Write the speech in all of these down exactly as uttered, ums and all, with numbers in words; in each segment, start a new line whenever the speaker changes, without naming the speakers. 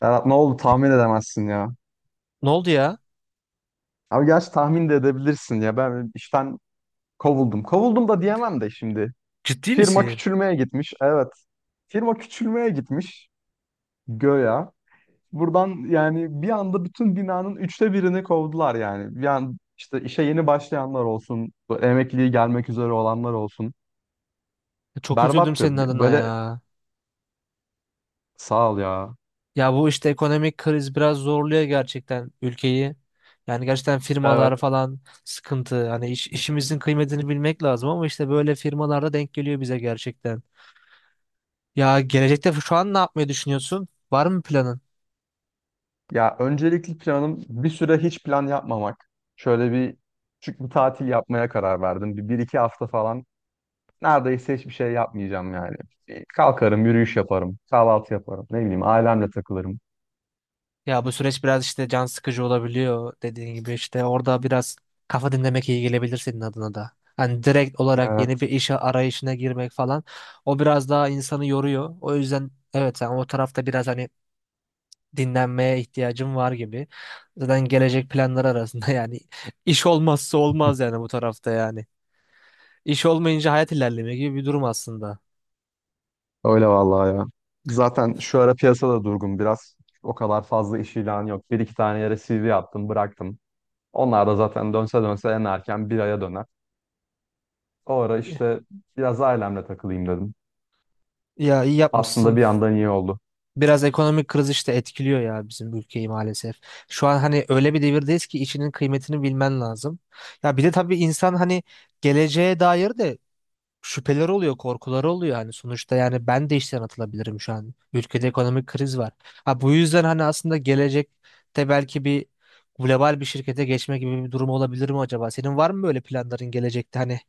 Serhat ne oldu tahmin edemezsin ya.
Ne oldu ya?
Abi gerçi tahmin de edebilirsin ya. Ben işten kovuldum. Kovuldum da diyemem de şimdi.
Ciddi
Firma
misin?
küçülmeye gitmiş. Evet. Firma küçülmeye gitmiş. Göya. Buradan yani bir anda bütün binanın üçte birini kovdular yani. Yani işte işe yeni başlayanlar olsun, bu Emekliliği gelmek üzere olanlar olsun.
Çok üzüldüm
Berbattı.
senin adına
Böyle
ya.
sağ ol ya.
Ya bu işte ekonomik kriz biraz zorluyor gerçekten ülkeyi. Yani gerçekten firmalar
Evet.
falan sıkıntı. Hani iş- işimizin kıymetini bilmek lazım ama işte böyle firmalarda denk geliyor bize gerçekten. Ya gelecekte şu an ne yapmayı düşünüyorsun? Var mı planın?
Ya öncelikli planım bir süre hiç plan yapmamak. Şöyle bir küçük bir tatil yapmaya karar verdim. Bir, bir iki hafta falan neredeyse hiçbir şey yapmayacağım yani. Bir Kalkarım, yürüyüş yaparım, kahvaltı yaparım. Ne bileyim ailemle takılırım.
Ya bu süreç biraz işte can sıkıcı olabiliyor dediğin gibi işte orada biraz kafa dinlemek iyi gelebilir senin adına da. Hani direkt olarak yeni
Evet.
bir işe arayışına girmek falan o biraz daha insanı yoruyor. O yüzden evet, sen o tarafta biraz hani dinlenmeye ihtiyacın var gibi. Zaten gelecek planlar arasında yani iş olmazsa olmaz yani bu tarafta yani. İş olmayınca hayat ilerlemiyor gibi bir durum aslında.
Öyle vallahi ya. Zaten şu ara piyasada durgun biraz. O kadar fazla iş ilanı yok. Bir iki tane yere C V yaptım, bıraktım. Onlar da zaten dönse dönse en erken bir aya döner. O ara işte biraz ailemle takılayım dedim.
Ya iyi
Aslında
yapmışsın.
bir yandan iyi oldu.
Biraz ekonomik kriz işte etkiliyor ya bizim ülkeyi maalesef. Şu an hani öyle bir devirdeyiz ki işinin kıymetini bilmen lazım. Ya bir de tabii insan hani geleceğe dair de şüpheler oluyor, korkuları oluyor hani sonuçta yani ben de işten atılabilirim şu an. Ülkede ekonomik kriz var. Ha bu yüzden hani aslında gelecekte belki bir global bir şirkete geçme gibi bir durum olabilir mi acaba? Senin var mı böyle planların gelecekte hani?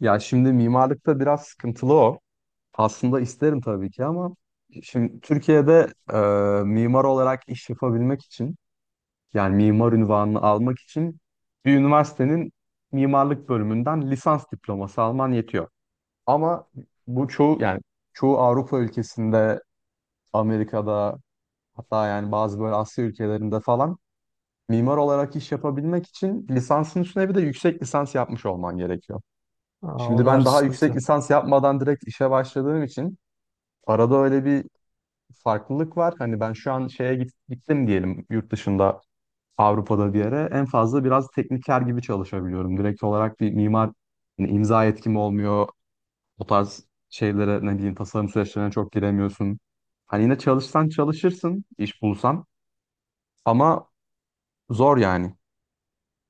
Ya şimdi mimarlıkta biraz sıkıntılı o. Aslında isterim tabii ki ama şimdi Türkiye'de e, mimar olarak iş yapabilmek için yani mimar unvanını almak için bir üniversitenin mimarlık bölümünden lisans diploması alman yetiyor. Ama bu çoğu yani çoğu Avrupa ülkesinde, Amerika'da hatta yani bazı böyle Asya ülkelerinde falan mimar olarak iş yapabilmek için lisansın üstüne bir de yüksek lisans yapmış olman gerekiyor.
Aa,
Şimdi
onlar
ben daha yüksek
sıkıntı.
lisans yapmadan direkt işe başladığım için arada öyle bir farklılık var. Hani ben şu an şeye git- gittim diyelim, yurt dışında Avrupa'da bir yere en fazla biraz tekniker gibi çalışabiliyorum. Direkt olarak bir mimar hani imza yetkim olmuyor. O tarz şeylere ne diyeyim, tasarım süreçlerine çok giremiyorsun. Hani yine çalışsan çalışırsın, iş bulsan ama zor yani.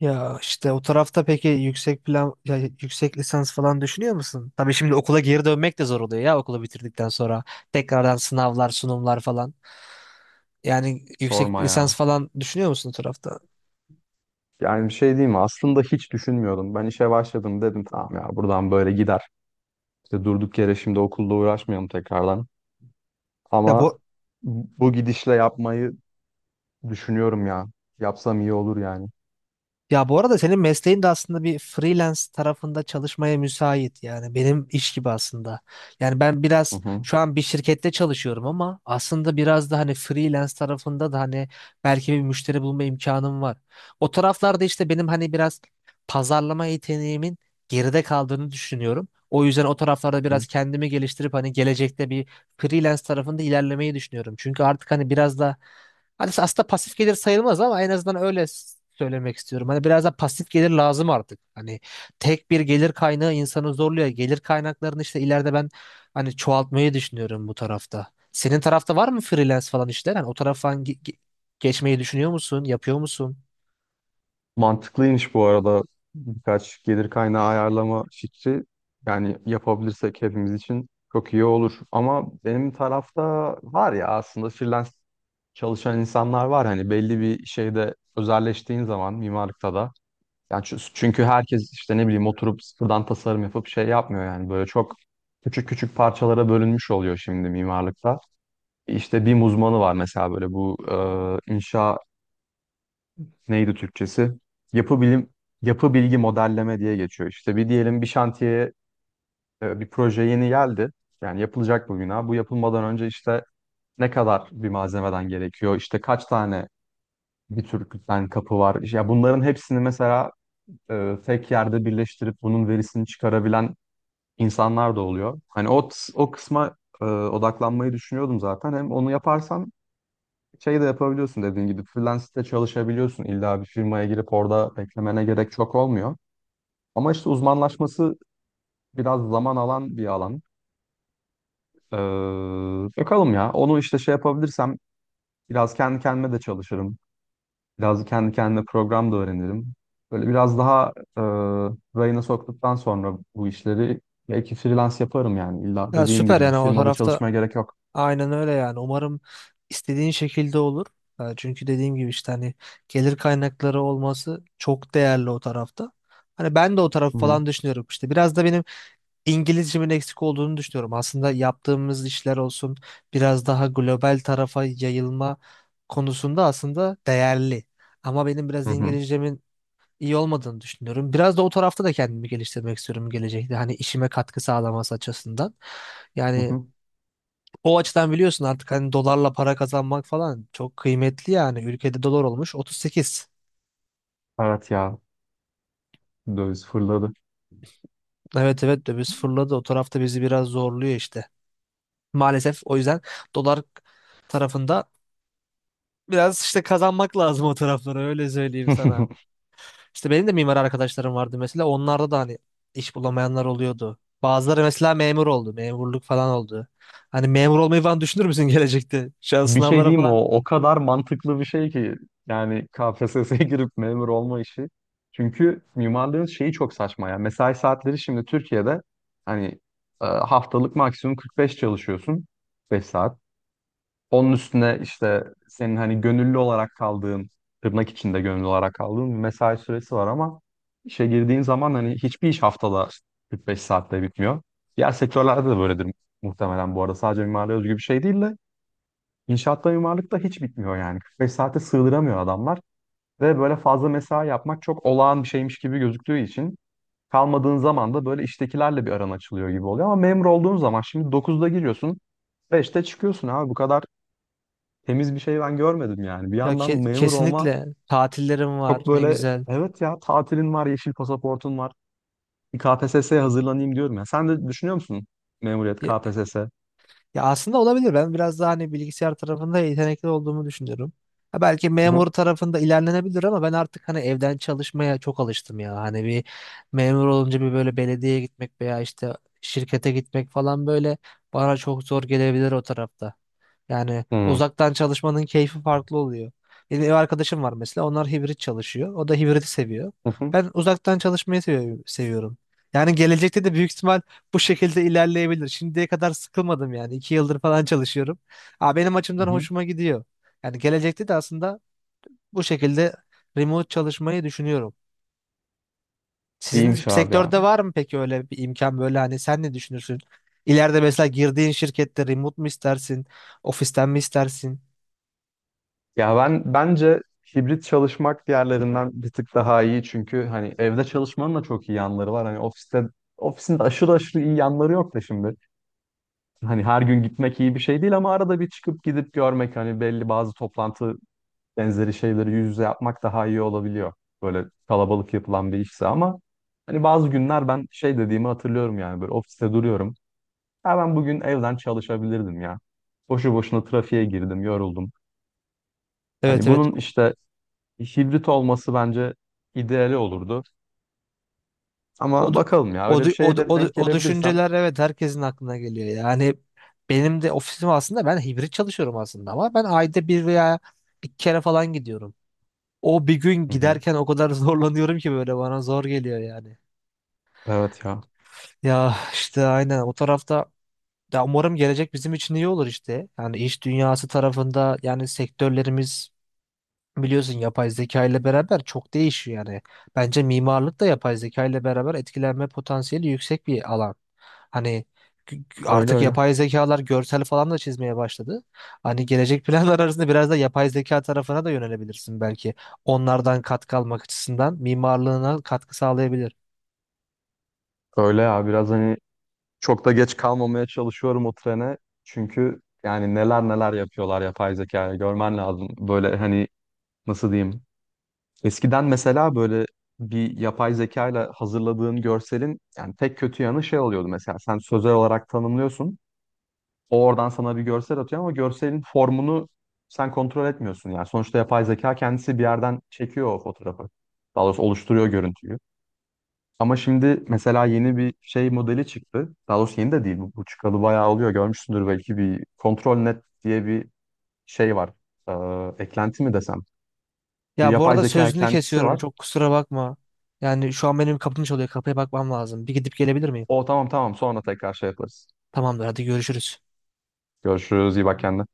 Ya işte o tarafta peki yüksek plan ya yüksek lisans falan düşünüyor musun? Tabii şimdi okula geri dönmek de zor oluyor ya okulu bitirdikten sonra. Tekrardan sınavlar, sunumlar falan. Yani yüksek
Sorma
lisans
ya.
falan düşünüyor musun o tarafta?
Yani bir şey diyeyim mi? Aslında hiç düşünmüyordum. Ben işe başladım dedim, tamam ya buradan böyle gider. İşte durduk yere şimdi okulla uğraşmayalım tekrardan.
Ya
Ama
bu
bu gidişle yapmayı düşünüyorum ya. Yapsam iyi olur yani.
Ya bu arada senin mesleğin de aslında bir freelance tarafında çalışmaya müsait yani benim iş gibi aslında. Yani ben
Hı
biraz
hı.
şu an bir şirkette çalışıyorum ama aslında biraz da hani freelance tarafında da hani belki bir müşteri bulma imkanım var. O taraflarda işte benim hani biraz pazarlama yeteneğimin geride kaldığını düşünüyorum. O yüzden o taraflarda
Hı.
biraz kendimi geliştirip hani gelecekte bir freelance tarafında ilerlemeyi düşünüyorum. Çünkü artık hani biraz da hani aslında pasif gelir sayılmaz ama en azından öyle s- söylemek istiyorum. Hani biraz da pasif gelir lazım artık. Hani tek bir gelir kaynağı insanı zorluyor. Gelir kaynaklarını işte ileride ben hani çoğaltmayı düşünüyorum bu tarafta. Senin tarafta var mı freelance falan işler? Hani o taraftan ge- ge- geçmeyi düşünüyor musun? Yapıyor musun?
Mantıklıymış bu arada birkaç gelir kaynağı ayarlama fikri. Yani yapabilirsek hepimiz için çok iyi olur. Ama benim tarafta var ya, aslında freelance çalışan insanlar var. Hani belli bir şeyde özelleştiğin zaman mimarlıkta da. Yani çü- çünkü herkes işte ne bileyim oturup sıfırdan tasarım yapıp şey yapmıyor yani, böyle çok küçük küçük parçalara bölünmüş oluyor şimdi mimarlıkta. İşte BİM uzmanı var mesela, böyle bu e, inşa, neydi Türkçesi? Yapı bilim yapı bilgi modelleme diye geçiyor. İşte bir diyelim, bir şantiye, e, bir proje yeni geldi. Yani yapılacak bu bina. Bu yapılmadan önce işte ne kadar bir malzemeden gerekiyor? İşte kaç tane bir tür kütlen kapı var? Ya bunların hepsini mesela e, tek yerde birleştirip bunun verisini çıkarabilen insanlar da oluyor. Hani o o kısma e, odaklanmayı düşünüyordum zaten. Hem onu yaparsan şey de yapabiliyorsun dediğin gibi, freelance'de çalışabiliyorsun. İlla bir firmaya girip orada beklemene gerek çok olmuyor. Ama işte uzmanlaşması biraz zaman alan bir alan. Ee, bakalım ya. Onu işte şey yapabilirsem biraz kendi kendime de çalışırım. Biraz kendi kendime program da öğrenirim. Böyle biraz daha e, rayına soktuktan sonra bu işleri belki freelance yaparım yani. İlla
Ya
dediğin
süper
gibi bir
yani o
firmada
tarafta
çalışmaya gerek yok.
aynen öyle yani. Umarım istediğin şekilde olur. Ha, çünkü dediğim gibi işte hani gelir kaynakları olması çok değerli o tarafta. Hani ben de o tarafı
Hı hı.
falan düşünüyorum. İşte biraz da benim İngilizcemin eksik olduğunu düşünüyorum. Aslında yaptığımız işler olsun biraz daha global tarafa yayılma konusunda aslında değerli. Ama benim biraz
Hı hı.
İngilizcemin iyi olmadığını düşünüyorum. Biraz da o tarafta da kendimi geliştirmek istiyorum gelecekte. Hani işime katkı sağlaması açısından.
Hı
Yani
hı.
o açıdan biliyorsun artık hani dolarla para kazanmak falan çok kıymetli yani. Ülkede dolar olmuş otuz sekiz.
Evet ya, döviz fırladı.
Evet, evet, döviz fırladı. O tarafta bizi biraz zorluyor işte. Maalesef o yüzden dolar tarafında biraz işte kazanmak lazım o taraflara öyle söyleyeyim sana. İşte benim de mimar arkadaşlarım vardı mesela onlarda da hani iş bulamayanlar oluyordu. Bazıları mesela memur oldu, memurluk falan oldu. Hani memur olmayı falan düşünür müsün gelecekte? Şu an
Bir şey
sınavlara
diyeyim mi?
falan.
o o kadar mantıklı bir şey ki yani K P S S'ye girip memur olma işi. Çünkü mimarlığın şeyi çok saçma ya. Mesai saatleri şimdi Türkiye'de hani e, haftalık maksimum kırk beş çalışıyorsun beş saat. Onun üstüne işte senin hani gönüllü olarak kaldığın, tırnak içinde gönüllü olarak kaldığın bir mesai süresi var, ama işe girdiğin zaman hani hiçbir iş haftada kırk beş saatte bitmiyor. Diğer sektörlerde de böyledir muhtemelen bu arada. Sadece mimariye özgü bir şey değil de inşaatta, mimarlıkta hiç bitmiyor yani. kırk beş saate sığdıramıyor adamlar ve böyle fazla mesai yapmak çok olağan bir şeymiş gibi gözüktüğü için kalmadığın zaman da böyle iştekilerle bir aran açılıyor gibi oluyor. Ama memur olduğun zaman şimdi dokuzda giriyorsun, beşte çıkıyorsun abi, bu kadar temiz bir şey ben görmedim yani. Bir
Ya
yandan
ke-
memur olma
kesinlikle tatillerim var
çok
ne
böyle,
güzel.
evet ya, tatilin var, yeşil pasaportun var. Bir K P S S'ye hazırlanayım diyorum ya. Sen de düşünüyor musun memuriyet, K P S S? Hı
Ya aslında olabilir. Ben biraz daha hani bilgisayar tarafında yetenekli olduğumu düşünüyorum. Ha belki
hı.
memur tarafında ilerlenebilir ama ben artık hani evden çalışmaya çok alıştım ya. Hani bir memur olunca bir böyle belediyeye gitmek veya işte şirkete gitmek falan böyle bana çok zor gelebilir o tarafta. Yani
Hı
uzaktan çalışmanın keyfi farklı oluyor. Benim ev arkadaşım var mesela. Onlar hibrit çalışıyor. O da hibriti seviyor.
hı.
Ben uzaktan çalışmayı seviyorum. Seviyorum. Yani gelecekte de büyük ihtimal bu şekilde ilerleyebilir. Şimdiye kadar sıkılmadım yani. iki yıldır falan çalışıyorum. Aa, benim açımdan
Hı hı.
hoşuma gidiyor. Yani gelecekte de aslında bu şekilde remote çalışmayı düşünüyorum. Sizin
İyiymiş abi ya.
sektörde var mı peki öyle bir imkan böyle hani sen ne düşünürsün? İleride mesela girdiğin şirkette remote mu istersin? Ofisten mi istersin?
Ya ben bence hibrit çalışmak diğerlerinden bir tık daha iyi, çünkü hani evde çalışmanın da çok iyi yanları var. Hani ofiste ofisin de aşırı aşırı iyi yanları yok da şimdi. Hani her gün gitmek iyi bir şey değil ama arada bir çıkıp gidip görmek, hani belli bazı toplantı benzeri şeyleri yüz yüze yapmak daha iyi olabiliyor. Böyle kalabalık yapılan bir işse. Ama hani bazı günler ben şey dediğimi hatırlıyorum yani, böyle ofiste duruyorum. Ha, ben bugün evden çalışabilirdim ya. Boşu boşuna trafiğe girdim, yoruldum.
Evet,
Hani
evet.
bunun işte hibrit olması bence ideali olurdu.
O,
Ama
du-
bakalım ya,
o,
öyle bir
du- o,
şeye
du-
de
o, du-
denk
O
gelebilirsem.
düşünceler evet herkesin aklına geliyor. Yani benim de ofisim aslında ben hibrit çalışıyorum aslında ama ben ayda bir veya iki kere falan gidiyorum. O bir gün
Hı hı.
giderken o kadar zorlanıyorum ki böyle bana zor geliyor yani.
Evet ya.
Ya işte aynen o tarafta ya umarım gelecek bizim için iyi olur işte. Yani iş dünyası tarafında yani sektörlerimiz biliyorsun yapay zeka ile beraber çok değişiyor yani. Bence mimarlık da yapay zeka ile beraber etkilenme potansiyeli yüksek bir alan. Hani g- g-
Öyle
artık
öyle.
yapay zekalar görsel falan da çizmeye başladı. Hani gelecek planlar arasında biraz da yapay zeka tarafına da yönelebilirsin belki. Onlardan katkı almak açısından mimarlığına katkı sağlayabilir.
Öyle ya, biraz hani çok da geç kalmamaya çalışıyorum o trene. Çünkü yani neler neler yapıyorlar yapay zekaya, görmen lazım. Böyle hani nasıl diyeyim? Eskiden mesela böyle bir yapay zeka ile hazırladığın görselin yani tek kötü yanı şey oluyordu, mesela sen sözel olarak tanımlıyorsun. O oradan sana bir görsel atıyor ama görselin formunu sen kontrol etmiyorsun. Yani sonuçta yapay zeka kendisi bir yerden çekiyor o fotoğrafı. Daha doğrusu oluşturuyor görüntüyü. Ama şimdi mesela yeni bir şey modeli çıktı. Daha doğrusu yeni de değil. Bu, bu çıkalı bayağı oluyor. Görmüşsündür belki, bir Control net diye bir şey var. Ee, eklenti mi desem? Bir
Ya bu
yapay
arada
zeka
sözünü
eklentisi
kesiyorum
var.
çok kusura bakma. Yani şu an benim kapım çalıyor kapıya bakmam lazım. Bir gidip gelebilir miyim?
O tamam, tamam, sonra tekrar şey yaparız.
Tamamdır, hadi görüşürüz.
Görüşürüz. İyi bak kendine.